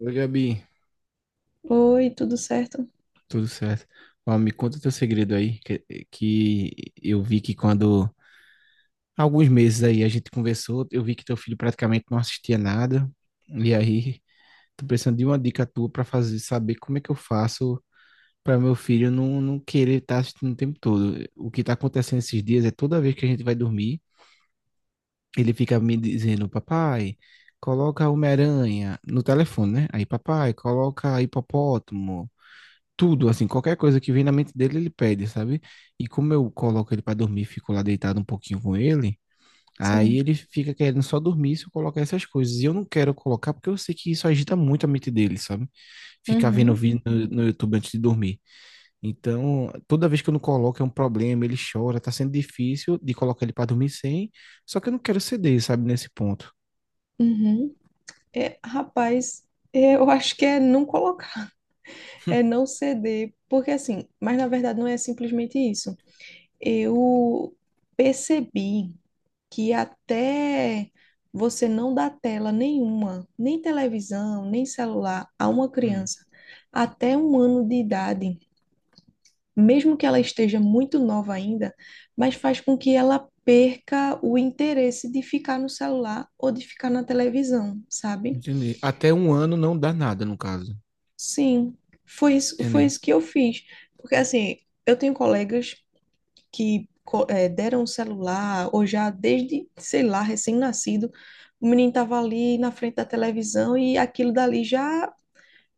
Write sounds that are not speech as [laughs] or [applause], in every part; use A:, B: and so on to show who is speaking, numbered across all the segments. A: Oi, Gabi,
B: Oi, tudo certo?
A: tudo certo? Ó, me conta teu segredo aí, que eu vi que alguns meses aí a gente conversou, eu vi que teu filho praticamente não assistia nada, e aí tô precisando de uma dica tua pra fazer, saber como é que eu faço pra meu filho não querer estar assistindo o tempo todo. O que tá acontecendo esses dias é toda vez que a gente vai dormir, ele fica me dizendo, papai, coloca Homem-Aranha no telefone, né? Aí, papai, coloca hipopótamo, tudo, assim, qualquer coisa que vem na mente dele, ele pede, sabe? E como eu coloco ele para dormir, fico lá deitado um pouquinho com ele, aí
B: Sim.
A: ele fica querendo só dormir se eu colocar essas coisas. E eu não quero colocar porque eu sei que isso agita muito a mente dele, sabe? Ficar vendo
B: Uhum,
A: vídeo no YouTube antes de dormir. Então, toda vez que eu não coloco é um problema, ele chora, tá sendo difícil de colocar ele para dormir sem, só que eu não quero ceder, sabe, nesse ponto.
B: uhum. É, rapaz, é, eu acho que é não colocar, é não ceder, porque assim, mas na verdade não é simplesmente isso. Eu percebi que até você não dar tela nenhuma, nem televisão, nem celular a uma
A: Hum.
B: criança até um ano de idade, mesmo que ela esteja muito nova ainda, mas faz com que ela perca o interesse de ficar no celular ou de ficar na televisão, sabe?
A: Entendi. Até um ano não dá nada, no caso.
B: Sim, foi isso, foi
A: Entendi,
B: isso que eu fiz. Porque assim, eu tenho colegas que deram o celular, ou já desde, sei lá, recém-nascido, o menino estava ali na frente da televisão e aquilo dali já.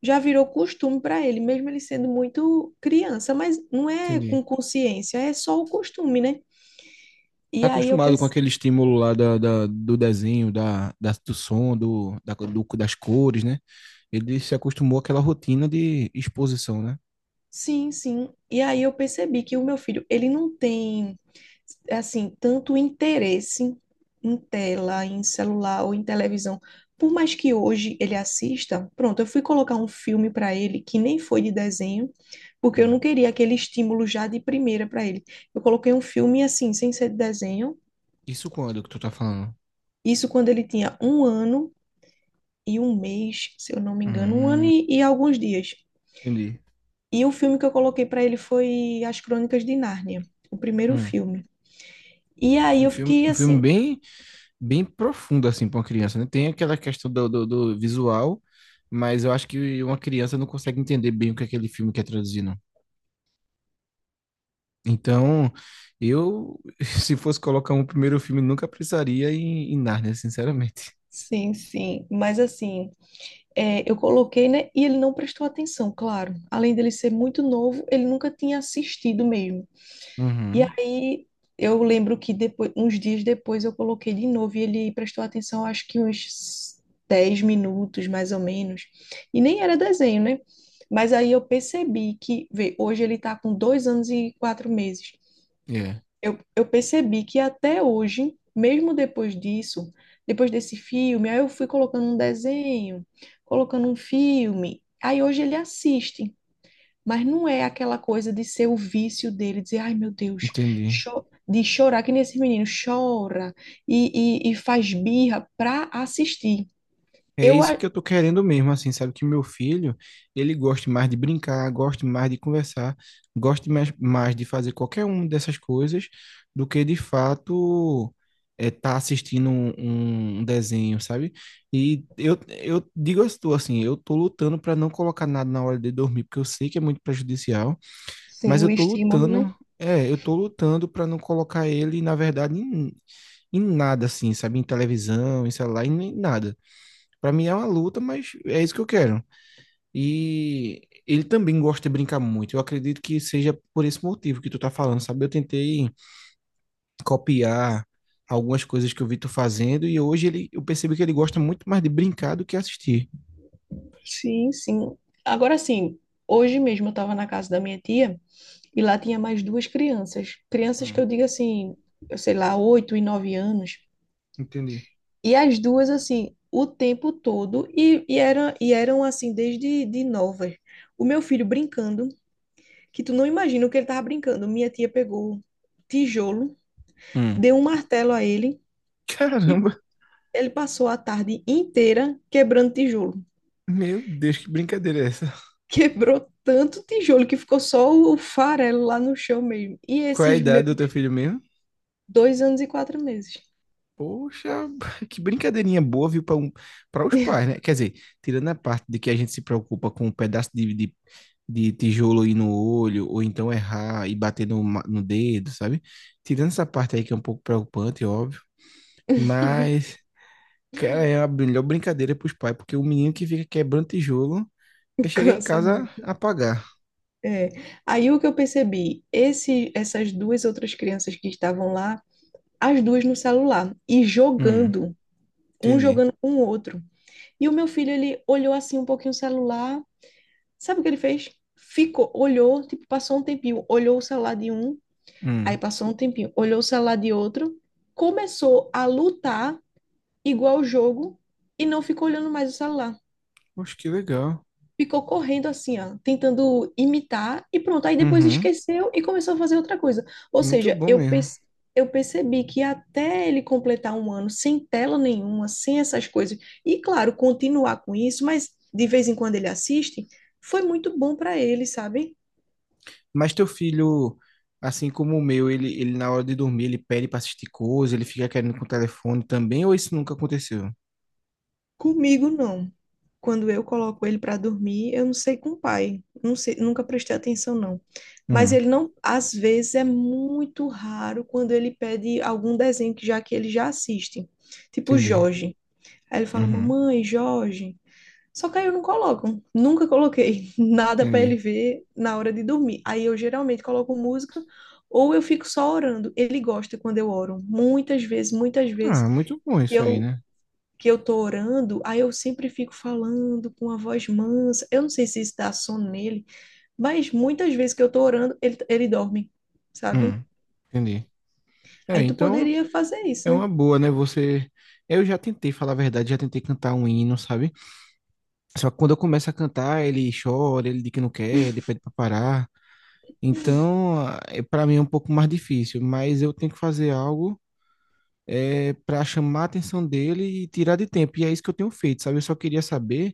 B: Já virou costume para ele, mesmo ele sendo muito criança, mas não é
A: entendi.
B: com consciência, é só o costume, né? E
A: Tá
B: aí eu
A: acostumado com
B: pensei,
A: aquele estímulo lá do desenho, do som, das cores, né? Ele se acostumou àquela rotina de exposição, né?
B: sim, sim. E aí eu percebi que o meu filho, ele não tem, assim, tanto interesse em tela, em celular ou em televisão. Por mais que hoje ele assista, pronto, eu fui colocar um filme para ele que nem foi de desenho, porque eu
A: Hum.
B: não queria aquele estímulo já de primeira para ele. Eu coloquei um filme assim, sem ser de desenho.
A: Isso quando que tu tá falando?
B: Isso quando ele tinha um ano e um mês, se eu não me engano, um ano
A: Hum,
B: e alguns dias.
A: entendi.
B: E o filme que eu coloquei pra ele foi As Crônicas de Nárnia, o primeiro
A: Hum.
B: filme. E aí
A: Um
B: eu
A: filme,
B: fiquei
A: um filme
B: assim,
A: bem, bem profundo, assim, pra uma criança, né? Tem aquela questão do visual, mas eu acho que uma criança não consegue entender bem o que aquele filme quer traduzir, não. Então, eu, [laughs] se fosse colocar um primeiro filme, nunca precisaria em Nárnia, sinceramente.
B: sim, sim, mas assim, é, eu coloquei, né? E ele não prestou atenção, claro. Além dele ser muito novo, ele nunca tinha assistido mesmo. E
A: Uhum.
B: aí eu lembro que depois, uns dias depois eu coloquei de novo e ele prestou atenção, acho que uns 10 minutos mais ou menos. E nem era desenho, né? Mas aí eu percebi que, vê, hoje ele tá com 2 anos e 4 meses.
A: É,
B: Eu percebi que até hoje, mesmo depois disso, depois desse filme, aí eu fui colocando um desenho, colocando um filme. Aí hoje ele assiste, mas não é aquela coisa de ser o vício dele, dizer, ai meu Deus,
A: entendi.
B: cho- de chorar, que nem esse menino chora e faz birra para assistir.
A: É
B: Eu,
A: isso
B: a-
A: que eu tô querendo mesmo, assim, sabe? Que meu filho, ele goste mais de brincar, goste mais de conversar, goste mais de fazer qualquer uma dessas coisas do que de fato é tá assistindo um desenho, sabe? E eu digo a tu, assim, eu tô lutando para não colocar nada na hora de dormir, porque eu sei que é muito prejudicial, mas
B: sim,
A: eu
B: o
A: tô
B: estímulo, né?
A: lutando, eu tô lutando para não colocar ele, na verdade, em nada, assim, sabe? Em televisão, em celular, em nada. Pra mim é uma luta, mas é isso que eu quero. E ele também gosta de brincar muito. Eu acredito que seja por esse motivo que tu tá falando, sabe? Eu tentei copiar algumas coisas que eu vi tu fazendo e hoje ele, eu percebi que ele gosta muito mais de brincar do que assistir.
B: Sim, sim. Agora sim, hoje mesmo eu estava na casa da minha tia. E lá tinha mais duas crianças. Crianças que
A: Hum,
B: eu digo assim, eu sei lá, 8 e 9 anos.
A: entendi.
B: E as duas, assim, o tempo todo. Eram, assim, desde de novas. O meu filho brincando, que tu não imagina o que ele tava brincando. Minha tia pegou tijolo,
A: Hum.
B: deu um martelo a ele e
A: Caramba,
B: ele passou a tarde inteira quebrando tijolo.
A: meu Deus, que brincadeira é essa?
B: [laughs] Quebrou tanto tijolo que ficou só o farelo lá no chão mesmo. E
A: Qual é a
B: esses
A: idade
B: meus
A: do teu filho mesmo?
B: 2 anos e 4 meses.
A: Poxa, [laughs] que brincadeirinha boa, viu, para para os pais, né? Quer dizer, tirando a parte de que a gente se preocupa com um pedaço de tijolo aí no olho, ou então errar e bater no dedo, sabe? Tirando essa parte aí que é um pouco preocupante, é óbvio. Mas, cara, é a melhor brincadeira para os pais, porque o menino que fica quebrando tijolo vai
B: [laughs]
A: chegar em
B: Cansa
A: casa
B: muito.
A: apagar.
B: É. Aí o que eu percebi, esse, essas duas outras crianças que estavam lá, as duas no celular e
A: Hum,
B: jogando, um
A: entendi.
B: jogando com o outro. E o meu filho, ele olhou assim um pouquinho o celular, sabe o que ele fez? Ficou, olhou, tipo, passou um tempinho, olhou o celular de um, aí
A: Hum,
B: passou um tempinho, olhou o celular de outro, começou a lutar igual o jogo e não ficou olhando mais o celular.
A: acho que legal.
B: Ficou correndo assim, ó, tentando imitar e pronto. Aí depois
A: Uhum,
B: esqueceu e começou a fazer outra coisa. Ou
A: muito
B: seja,
A: bom mesmo.
B: eu percebi que até ele completar um ano sem tela nenhuma, sem essas coisas, e claro, continuar com isso, mas de vez em quando ele assiste, foi muito bom para ele, sabe?
A: Mas teu filho, assim como o meu, ele na hora de dormir, ele pede pra assistir coisa, ele fica querendo com o telefone também, ou isso nunca aconteceu?
B: Comigo não. Quando eu coloco ele para dormir, eu não sei com o pai. Não sei, nunca prestei atenção, não. Mas
A: Hum,
B: ele não, às vezes é muito raro quando ele pede algum desenho que já que ele já assiste, tipo
A: entendi.
B: Jorge. Aí ele fala:
A: Uhum,
B: "Mamãe, Jorge". Só que aí eu não coloco, nunca coloquei [laughs] nada para ele
A: entendi.
B: ver na hora de dormir. Aí eu geralmente coloco música ou eu fico só orando. Ele gosta quando eu oro. Muitas vezes
A: Ah, muito bom
B: que
A: isso aí,
B: eu
A: né?
B: que eu tô orando, aí eu sempre fico falando com a voz mansa. Eu não sei se isso dá sono nele, mas muitas vezes que eu tô orando, ele dorme, sabe?
A: Hum, entendi. É,
B: Aí tu
A: então
B: poderia fazer
A: é
B: isso, né?
A: uma boa, né? Você. Eu já tentei, falar a verdade, já tentei cantar um hino, sabe? Só que quando eu começo a cantar, ele chora, ele diz que não quer, ele pede pra parar. Então, para mim é um pouco mais difícil, mas eu tenho que fazer algo para chamar a atenção dele e tirar de tempo. E é isso que eu tenho feito, sabe? Eu só queria saber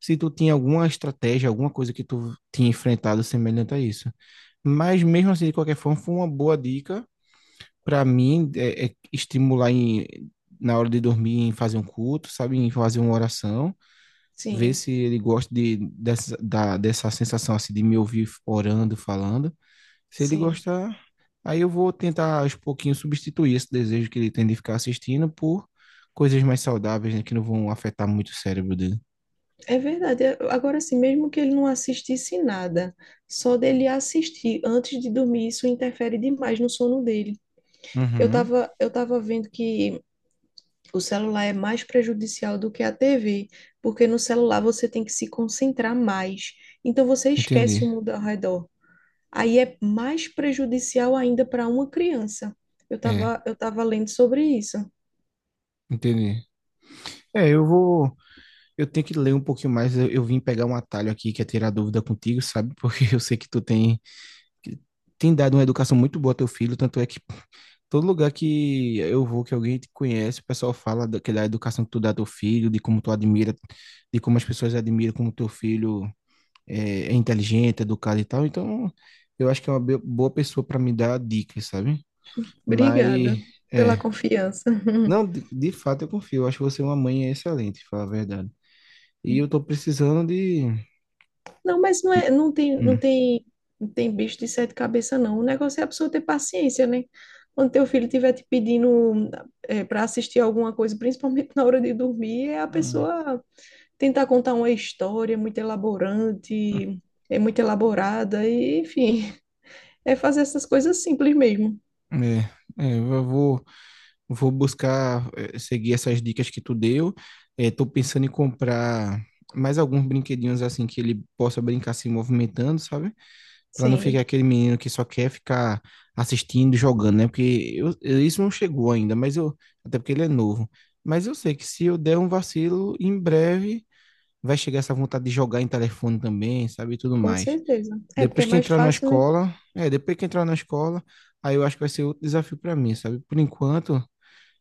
A: se tu tinha alguma estratégia, alguma coisa que tu tinha enfrentado semelhante a isso. Mas mesmo assim, de qualquer forma, foi uma boa dica para mim é estimular na hora de dormir em fazer um culto, sabe? Em fazer uma oração, ver
B: Sim,
A: se ele gosta dessa sensação assim de me ouvir orando, falando. Se ele
B: sim.
A: gostar, aí eu vou tentar aos pouquinhos substituir esse desejo que ele tem de ficar assistindo por coisas mais saudáveis, né, que não vão afetar muito o cérebro dele.
B: É verdade. É. Agora, assim, mesmo que ele não assistisse nada, só dele assistir antes de dormir, isso interfere demais no sono dele. Eu
A: Uhum.
B: tava, eu tava vendo que o celular é mais prejudicial do que a TV, porque no celular você tem que se concentrar mais. Então você esquece o
A: Entendi.
B: mundo ao redor. Aí é mais prejudicial ainda para uma criança. Eu
A: É,
B: estava eu estava lendo sobre isso.
A: entendi. É, eu vou. Eu tenho que ler um pouquinho mais. Eu vim pegar um atalho aqui que é tirar dúvida contigo, sabe? Porque [laughs] eu sei que tu tem, que tem dado uma educação muito boa ao teu filho. Tanto é que todo lugar que eu vou, que alguém te conhece, o pessoal fala da, que da educação que tu dá ao teu filho, de como tu admira, de como as pessoas admiram como teu filho é inteligente, educado e tal. Então, eu acho que é uma boa pessoa para me dar dicas, sabe?
B: Obrigada
A: Mas,
B: pela
A: é.
B: confiança. [laughs]
A: Não, de fato eu confio. Eu acho que você é uma mãe excelente, falar a verdade. E eu tô precisando de.
B: Não, mas não é, não tem, não
A: Hum,
B: tem, não tem bicho de sete cabeças, não. O negócio é a pessoa ter paciência, né? Quando teu filho estiver te pedindo para assistir alguma coisa, principalmente na hora de dormir, é a
A: Hum.
B: pessoa tentar contar uma história muito elaborante, é muito elaborada, e, enfim, é fazer essas coisas simples mesmo.
A: é, eu vou, vou buscar seguir essas dicas que tu deu. Estou pensando em comprar mais alguns brinquedinhos assim que ele possa brincar se movimentando, sabe? Pra não ficar
B: Sim.
A: aquele menino que só quer ficar assistindo e jogando, né? Porque isso não chegou ainda, mas eu. Até porque ele é novo. Mas eu sei que se eu der um vacilo, em breve vai chegar essa vontade de jogar em telefone também, sabe? E tudo
B: Com
A: mais.
B: certeza. É porque
A: Depois
B: é
A: que
B: mais
A: entrar na
B: fácil, né?
A: escola. É, depois que entrar na escola, aí eu acho que vai ser outro desafio pra mim, sabe? Por enquanto,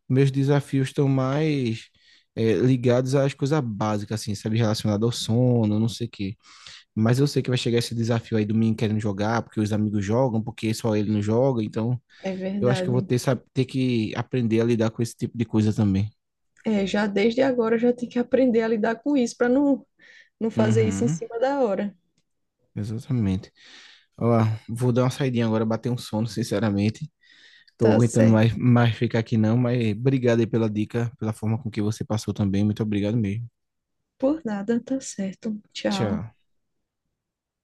A: meus desafios estão mais. Ligados às coisas básicas, assim, sabe? Relacionado ao sono, não sei o quê. Mas eu sei que vai chegar esse desafio aí do menino querendo jogar, porque os amigos jogam, porque só ele não joga. Então,
B: É
A: eu acho que eu vou
B: verdade.
A: ter, sabe, ter que aprender a lidar com esse tipo de coisa também.
B: É, já desde agora já tem que aprender a lidar com isso para não, não fazer isso em
A: Uhum,
B: cima da hora.
A: exatamente. Ó, vou dar uma saidinha agora, bater um sono, sinceramente. Tô
B: Tá
A: aguentando mais,
B: certo.
A: mais ficar aqui não, mas obrigado aí pela dica, pela forma com que você passou também. Muito obrigado mesmo.
B: Por nada, tá certo. Tchau.
A: Tchau.